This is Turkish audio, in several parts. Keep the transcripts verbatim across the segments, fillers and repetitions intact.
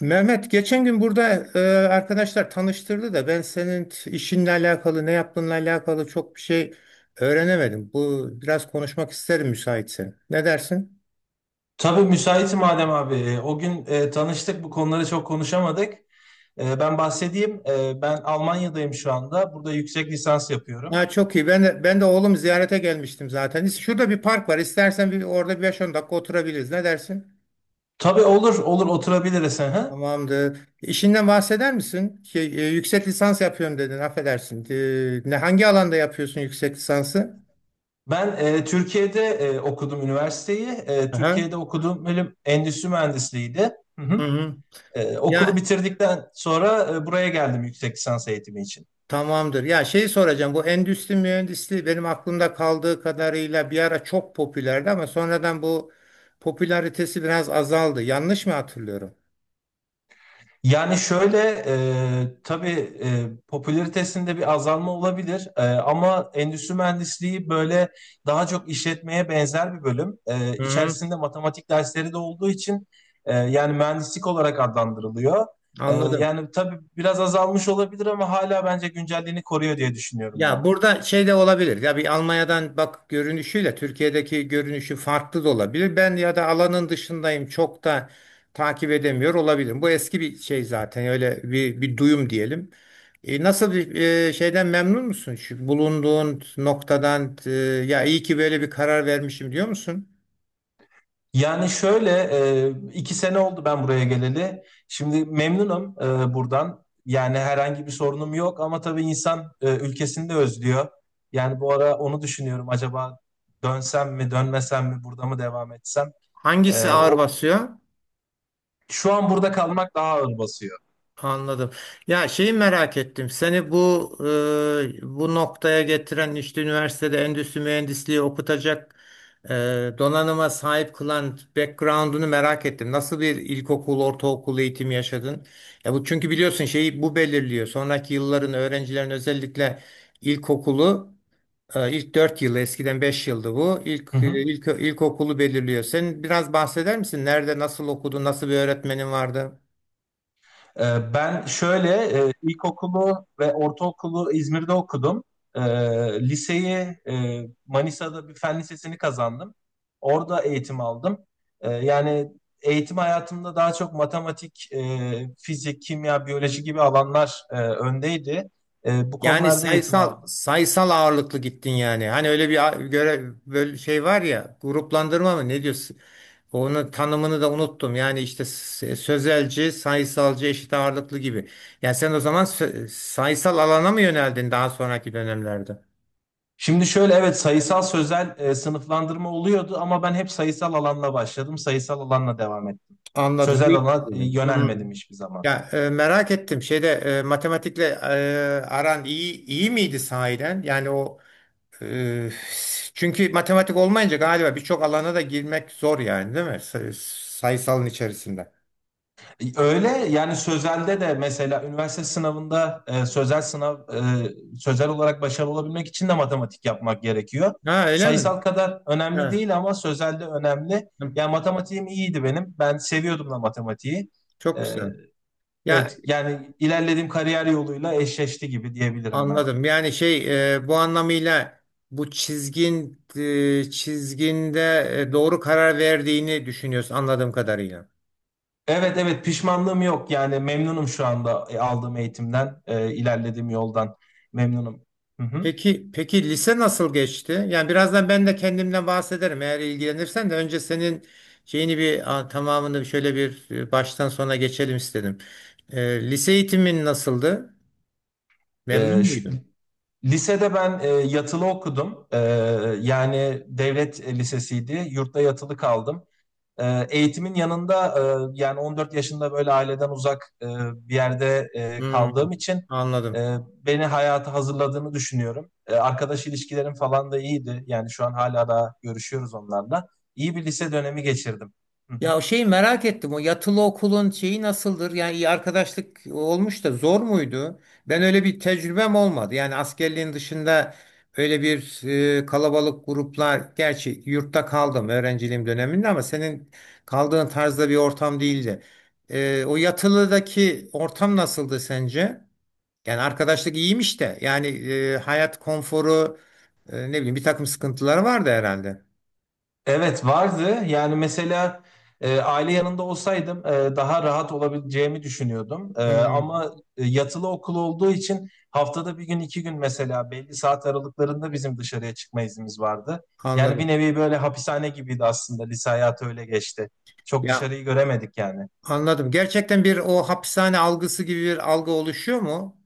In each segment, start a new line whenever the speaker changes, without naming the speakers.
Mehmet geçen gün burada e, arkadaşlar tanıştırdı da ben senin t- işinle alakalı ne yaptığınla alakalı çok bir şey öğrenemedim. Bu biraz konuşmak isterim müsaitsen. Ne dersin?
Tabii müsaitim Adem abi. E, O gün e, tanıştık, bu konuları çok konuşamadık. E, ben bahsedeyim. E, ben Almanya'dayım şu anda. Burada yüksek lisans yapıyorum.
Ha, çok iyi. Ben de, ben de oğlum ziyarete gelmiştim zaten. İs- Şurada bir park var. İstersen bir, orada bir beş on dakika oturabiliriz. Ne dersin?
Tabii olur, olur oturabiliriz. Hı hı.
Tamamdır. İşinden bahseder misin? Şey, e, yüksek lisans yapıyorum dedin. Affedersin. E, ne hangi alanda yapıyorsun yüksek lisansı?
Ben e, Türkiye'de e, okudum üniversiteyi. E,
Aha.
Türkiye'de okuduğum bölüm endüstri mühendisliğiydi. Hı
Hı
hı.
hı.
E, okulu
Ya,
bitirdikten sonra e, buraya geldim yüksek lisans eğitimi için.
tamamdır. Ya şey soracağım, bu endüstri mühendisliği benim aklımda kaldığı kadarıyla bir ara çok popülerdi ama sonradan bu popülaritesi biraz azaldı. Yanlış mı hatırlıyorum?
Yani şöyle, e, tabii, e, popülaritesinde bir azalma olabilir, E, ama endüstri mühendisliği böyle daha çok işletmeye benzer bir bölüm. E,
Hı, hı.
içerisinde matematik dersleri de olduğu için e, yani mühendislik olarak adlandırılıyor. E,
Anladım.
yani tabii biraz azalmış olabilir ama hala bence güncelliğini koruyor diye düşünüyorum ben.
Ya burada şey de olabilir. Ya bir Almanya'dan bak görünüşüyle Türkiye'deki görünüşü farklı da olabilir. Ben ya da alanın dışındayım. Çok da takip edemiyor olabilirim. Bu eski bir şey zaten. Öyle bir, bir duyum diyelim. E, nasıl bir e, şeyden memnun musun? Şu bulunduğun noktadan e, ya iyi ki böyle bir karar vermişim diyor musun?
Yani şöyle, e, iki sene oldu ben buraya geleli. Şimdi memnunum e, buradan. Yani herhangi bir sorunum yok ama tabii insan e, ülkesini de özlüyor. Yani bu ara onu düşünüyorum. Acaba dönsem mi, dönmesem mi, burada mı devam etsem? E,
Hangisi ağır
o
basıyor?
şu an burada kalmak daha ağır basıyor.
Anladım. Ya şeyi merak ettim. Seni bu e, bu noktaya getiren işte üniversitede endüstri mühendisliği okutacak e, donanıma sahip kılan background'unu merak ettim. Nasıl bir ilkokul, ortaokul eğitimi yaşadın? Ya bu çünkü biliyorsun şeyi bu belirliyor. Sonraki yılların öğrencilerin özellikle ilkokulu e, ilk dört yılı, eskiden beş yıldı bu. İlk
Hı hı.
ilk ilkokulu belirliyor. Sen biraz bahseder misin? Nerede, nasıl okudun, nasıl bir öğretmenin vardı?
Ee, Ben şöyle, e, ilkokulu ve ortaokulu İzmir'de okudum. Ee, Liseyi e, Manisa'da bir fen lisesini kazandım. Orada eğitim aldım. Ee, Yani eğitim hayatımda daha çok matematik, e, fizik, kimya, biyoloji gibi alanlar e, öndeydi. E, Bu
Yani
konularda eğitim
sayısal
aldım.
sayısal ağırlıklı gittin yani. Hani öyle bir a- göre böyle şey var ya, gruplandırma mı ne diyorsun? Onun tanımını da unuttum. Yani işte s- e, sözelci, sayısalcı, eşit ağırlıklı gibi. Yani sen o zaman sö- sayısal alana mı yöneldin daha sonraki dönemlerde?
Şimdi şöyle, evet, sayısal sözel e, sınıflandırma oluyordu ama ben hep sayısal alanla başladım. Sayısal alanla devam ettim.
Anladım.
Sözel alana e,
Değiştirdin. Hmm.
yönelmedim hiçbir zaman.
Ya e, merak ettim. Şeyde e, matematikle e, aran iyi iyi miydi sahiden? Yani o Ee, çünkü matematik olmayınca galiba birçok alana da girmek zor yani, değil mi? Say- Sayısalın içerisinde.
Öyle, yani sözelde de mesela üniversite sınavında e, sözel sınav e, sözel olarak başarılı olabilmek için de matematik yapmak gerekiyor.
Ha, öyle mi?
Sayısal kadar önemli
Ha,
değil ama sözelde önemli. Yani matematiğim iyiydi benim. Ben seviyordum da matematiği.
çok
E,
güzel. Ya,
evet, yani ilerlediğim kariyer yoluyla eşleşti gibi diyebilirim ben.
anladım. Yani şey, e, bu anlamıyla bu çizgin e, çizginde e, doğru karar verdiğini düşünüyorsun, anladığım kadarıyla.
Evet, evet, pişmanlığım yok. Yani memnunum şu anda e, aldığım eğitimden, e, ilerlediğim yoldan memnunum. Hı hı.
Peki, peki lise nasıl geçti? Yani birazdan ben de kendimden bahsederim eğer ilgilenirsen, de önce senin şeyini bir a, tamamını şöyle bir e, baştan sona geçelim istedim. E, lise eğitimin nasıldı?
E,
Memnun
şu-
muydun?
Lisede ben e, yatılı okudum. E, yani devlet lisesiydi. Yurtta yatılı kaldım. E, eğitimin yanında e, yani on dört yaşında böyle aileden uzak, e, bir yerde e,
Hmm.
kaldığım için
Anladım.
e, beni hayata hazırladığını düşünüyorum. E, arkadaş ilişkilerim falan da iyiydi. Yani şu an hala da görüşüyoruz onlarla. İyi bir lise dönemi geçirdim. Hı hı.
Ya o şeyi merak ettim. O yatılı okulun şeyi nasıldır? Yani iyi arkadaşlık olmuş da zor muydu? Ben öyle bir tecrübem olmadı. Yani askerliğin dışında öyle bir e, kalabalık gruplar, gerçi yurtta kaldım öğrenciliğim döneminde ama senin kaldığın tarzda bir ortam değildi. E, o yatılıdaki ortam nasıldı sence? Yani arkadaşlık iyiymiş de yani, e, hayat konforu, e, ne bileyim, bir takım sıkıntıları vardı herhalde.
Evet, vardı. Yani mesela e, aile yanında olsaydım e, daha rahat olabileceğimi düşünüyordum. E,
Hmm.
ama e, yatılı okul olduğu için haftada bir gün iki gün mesela belli saat aralıklarında bizim dışarıya çıkma iznimiz vardı. Yani bir
Anladım.
nevi böyle hapishane gibiydi aslında. Lise hayatı öyle geçti. Çok
Ya,
dışarıyı göremedik yani.
anladım. Gerçekten bir o hapishane algısı gibi bir algı oluşuyor mu?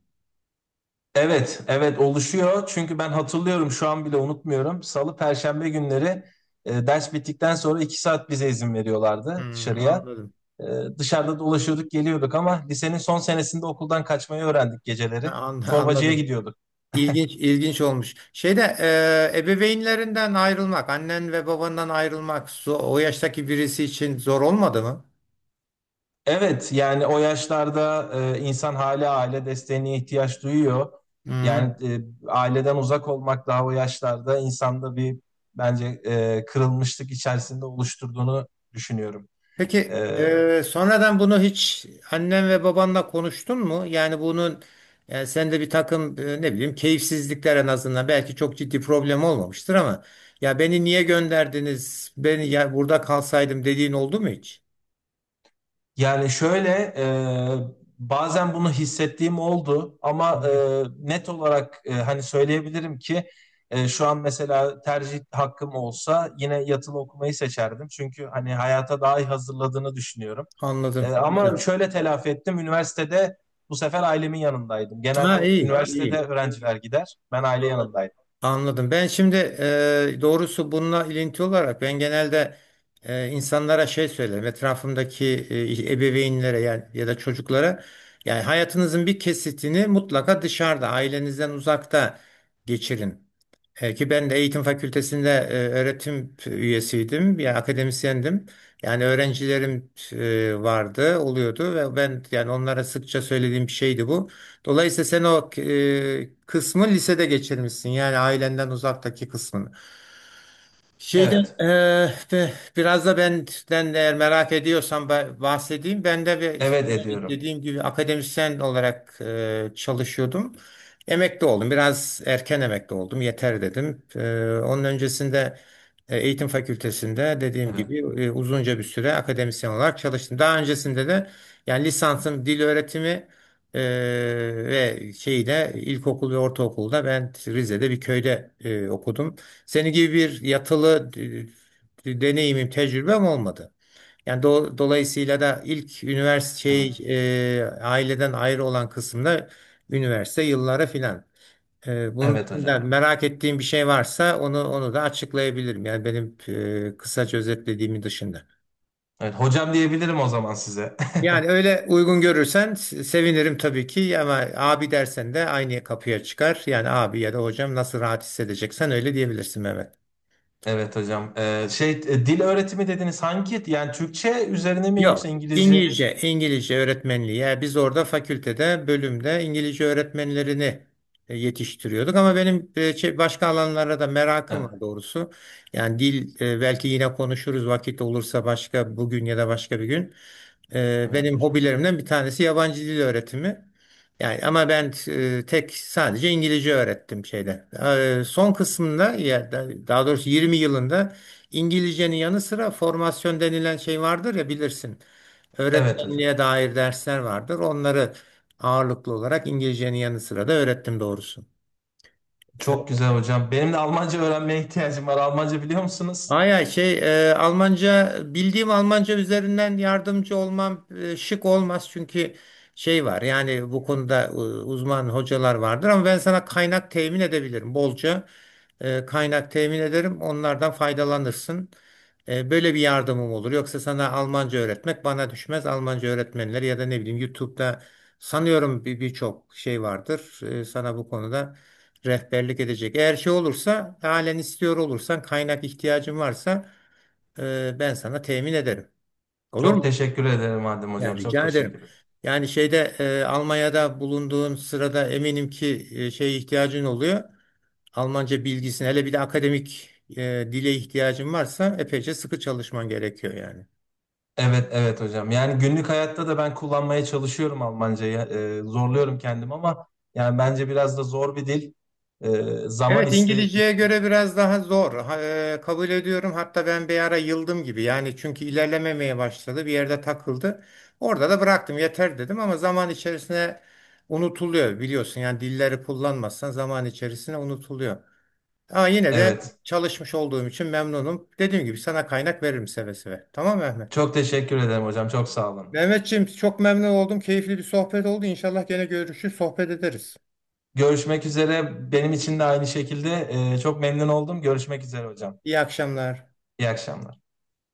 Evet, evet, oluşuyor. Çünkü ben hatırlıyorum, şu an bile unutmuyorum. Salı, Perşembe günleri e, ders bittikten sonra iki saat bize izin veriyorlardı
Hmm.
dışarıya.
Anladım.
Ee, dışarıda dolaşıyorduk, geliyorduk ama lisenin son senesinde okuldan kaçmayı öğrendik
Ha,
geceleri.
an-
Çorbacıya
anladım.
gidiyorduk.
İlginç, ilginç olmuş. Şeyde e, ebeveynlerinden ayrılmak, annen ve babandan ayrılmak, so- o yaştaki birisi için zor olmadı mı?
Evet, yani o yaşlarda e, insan hala aile desteğine ihtiyaç duyuyor.
Hı.
Yani e, aileden uzak olmak daha o yaşlarda insanda bir, bence e, kırılmışlık içerisinde oluşturduğunu düşünüyorum. E,
Peki eee, sonradan bunu hiç annen ve babanla konuştun mu? Yani bunun, yani sende bir takım eee, ne bileyim keyifsizlikler, en azından belki çok ciddi problem olmamıştır ama, ya beni niye gönderdiniz? Beni ya, burada kalsaydım dediğin oldu mu hiç?
Yani şöyle, e, bazen bunu hissettiğim oldu ama
Hı.
e, net olarak e, hani söyleyebilirim ki e, şu an mesela tercih hakkım olsa yine yatılı okumayı seçerdim. Çünkü hani hayata daha iyi hazırladığını düşünüyorum. E,
Anladım.
ama
Güzel.
şöyle telafi ettim üniversitede, bu sefer ailemin yanındaydım.
Ha,
Genelde
iyi, iyi.
üniversitede öğrenciler gider, ben aile yanındaydım.
Anladım. Ben şimdi, e, doğrusu bununla ilinti olarak ben genelde e, insanlara şey söylerim. Etrafımdaki e, ebeveynlere yani, ya da çocuklara, yani hayatınızın bir kesitini mutlaka dışarıda, ailenizden uzakta geçirin. E, ki ben de eğitim fakültesinde e, öğretim üyesiydim. Yani akademisyendim. Yani öğrencilerim e, vardı, oluyordu ve ben yani onlara sıkça söylediğim bir şeydi bu. Dolayısıyla sen o e, kısmı lisede geçirmişsin. Yani ailenden uzaktaki kısmını. Şeyden,
Evet,
eee, be- biraz da benden eğer merak ediyorsan ba- bahsedeyim. Ben de bir işte
evet ediyorum.
dediğim gibi akademisyen olarak eee, çalışıyordum. Emekli oldum. Biraz erken emekli oldum. Yeter dedim. Eee, onun öncesinde e, eğitim fakültesinde dediğim
Evet,
gibi e, uzunca bir süre akademisyen olarak çalıştım. Daha öncesinde de yani lisansım dil öğretimi, eee, ve şeyde ilkokul ve ortaokulda ben Rize'de bir köyde e, okudum. Seni gibi bir yatılı e, e, deneyimim, tecrübem olmadı. Yani do- dolayısıyla da ilk üniversite şey,
evet,
e, aileden ayrı olan kısımda üniversite yılları filan. E, bunun
evet
dışında
hocam.
merak ettiğim bir şey varsa onu onu da açıklayabilirim. Yani benim e, kısaca özetlediğimin dışında.
Evet, hocam diyebilirim o zaman size.
Yani öyle uygun görürsen se- sevinirim tabii ki ama abi dersen de aynı kapıya çıkar. Yani abi ya da hocam, nasıl rahat hissedeceksen öyle diyebilirsin Mehmet.
Evet hocam. Ee, şey e, dil öğretimi dediniz, hangi? Yani Türkçe üzerine mi yoksa
Yok,
İngilizce?
İngilizce, İngilizce öğretmenliği. Yani biz orada fakültede, bölümde İngilizce öğretmenlerini e, yetiştiriyorduk. Ama benim e, şey- başka alanlara da merakım
Evet,
var doğrusu. Yani dil, e, belki yine konuşuruz vakit olursa, başka bugün ya da başka bir gün. E,
evet
Benim
hocam.
hobilerimden bir tanesi yabancı dil öğretimi. Yani ama ben e, tek, sadece İngilizce öğrettim şeyde. E, Son kısmında ya da- daha doğrusu yirmi yılında, İngilizcenin yanı sıra formasyon denilen şey vardır ya, bilirsin.
Evet hocam.
Öğretmenliğe dair dersler vardır. Onları ağırlıklı olarak İngilizcenin yanı sıra da öğrettim doğrusu.
Çok güzel hocam. Benim de Almanca öğrenmeye ihtiyacım var. Almanca biliyor musunuz?
Aya, şey e, Almanca bildiğim Almanca üzerinden yardımcı olmam e, şık olmaz çünkü şey var, yani bu konuda e, uzman hocalar vardır ama ben sana kaynak temin edebilirim bolca, e, kaynak temin ederim, onlardan faydalanırsın. E, böyle bir yardımım olur, yoksa sana Almanca öğretmek bana düşmez. Almanca öğretmenleri ya da ne bileyim, YouTube'da sanıyorum bir birçok şey vardır, E, sana bu konuda rehberlik edecek. Eğer şey olursa, halen istiyor olursan, kaynak ihtiyacın varsa e, ben sana temin ederim. Olur
Çok
mu?
teşekkür ederim Adem
Ya,
hocam. Çok
rica
teşekkür
ederim.
ederim.
Yani şeyde, e, Almanya'da bulunduğun sırada eminim ki e, şeye ihtiyacın oluyor. Almanca bilgisine, hele bir de akademik e, dile ihtiyacın varsa, epeyce sıkı çalışman gerekiyor yani.
Evet, evet hocam. Yani günlük hayatta da ben kullanmaya çalışıyorum Almancayı. Ee, zorluyorum kendimi ama yani bence biraz da zor bir dil. Ee, zaman
Evet,
iste
İngilizceye göre
istiyor.
biraz daha zor. Ha, e, kabul ediyorum. Hatta ben bir ara yıldım gibi. Yani çünkü ilerlememeye başladı. Bir yerde takıldı. Orada da bıraktım. Yeter dedim ama zaman içerisinde unutuluyor biliyorsun. Yani dilleri kullanmazsan zaman içerisinde unutuluyor. Ama yine de
Evet.
çalışmış olduğum için memnunum. Dediğim gibi sana kaynak veririm seve seve. Tamam mı Mehmet?
Çok teşekkür ederim hocam. Çok sağ olun.
Mehmetciğim, çok memnun oldum. Keyifli bir sohbet oldu. İnşallah gene görüşürüz, sohbet ederiz.
Görüşmek üzere. Benim için
İyi,
de aynı şekilde e, çok memnun oldum. Görüşmek üzere hocam.
iyi akşamlar.
İyi akşamlar.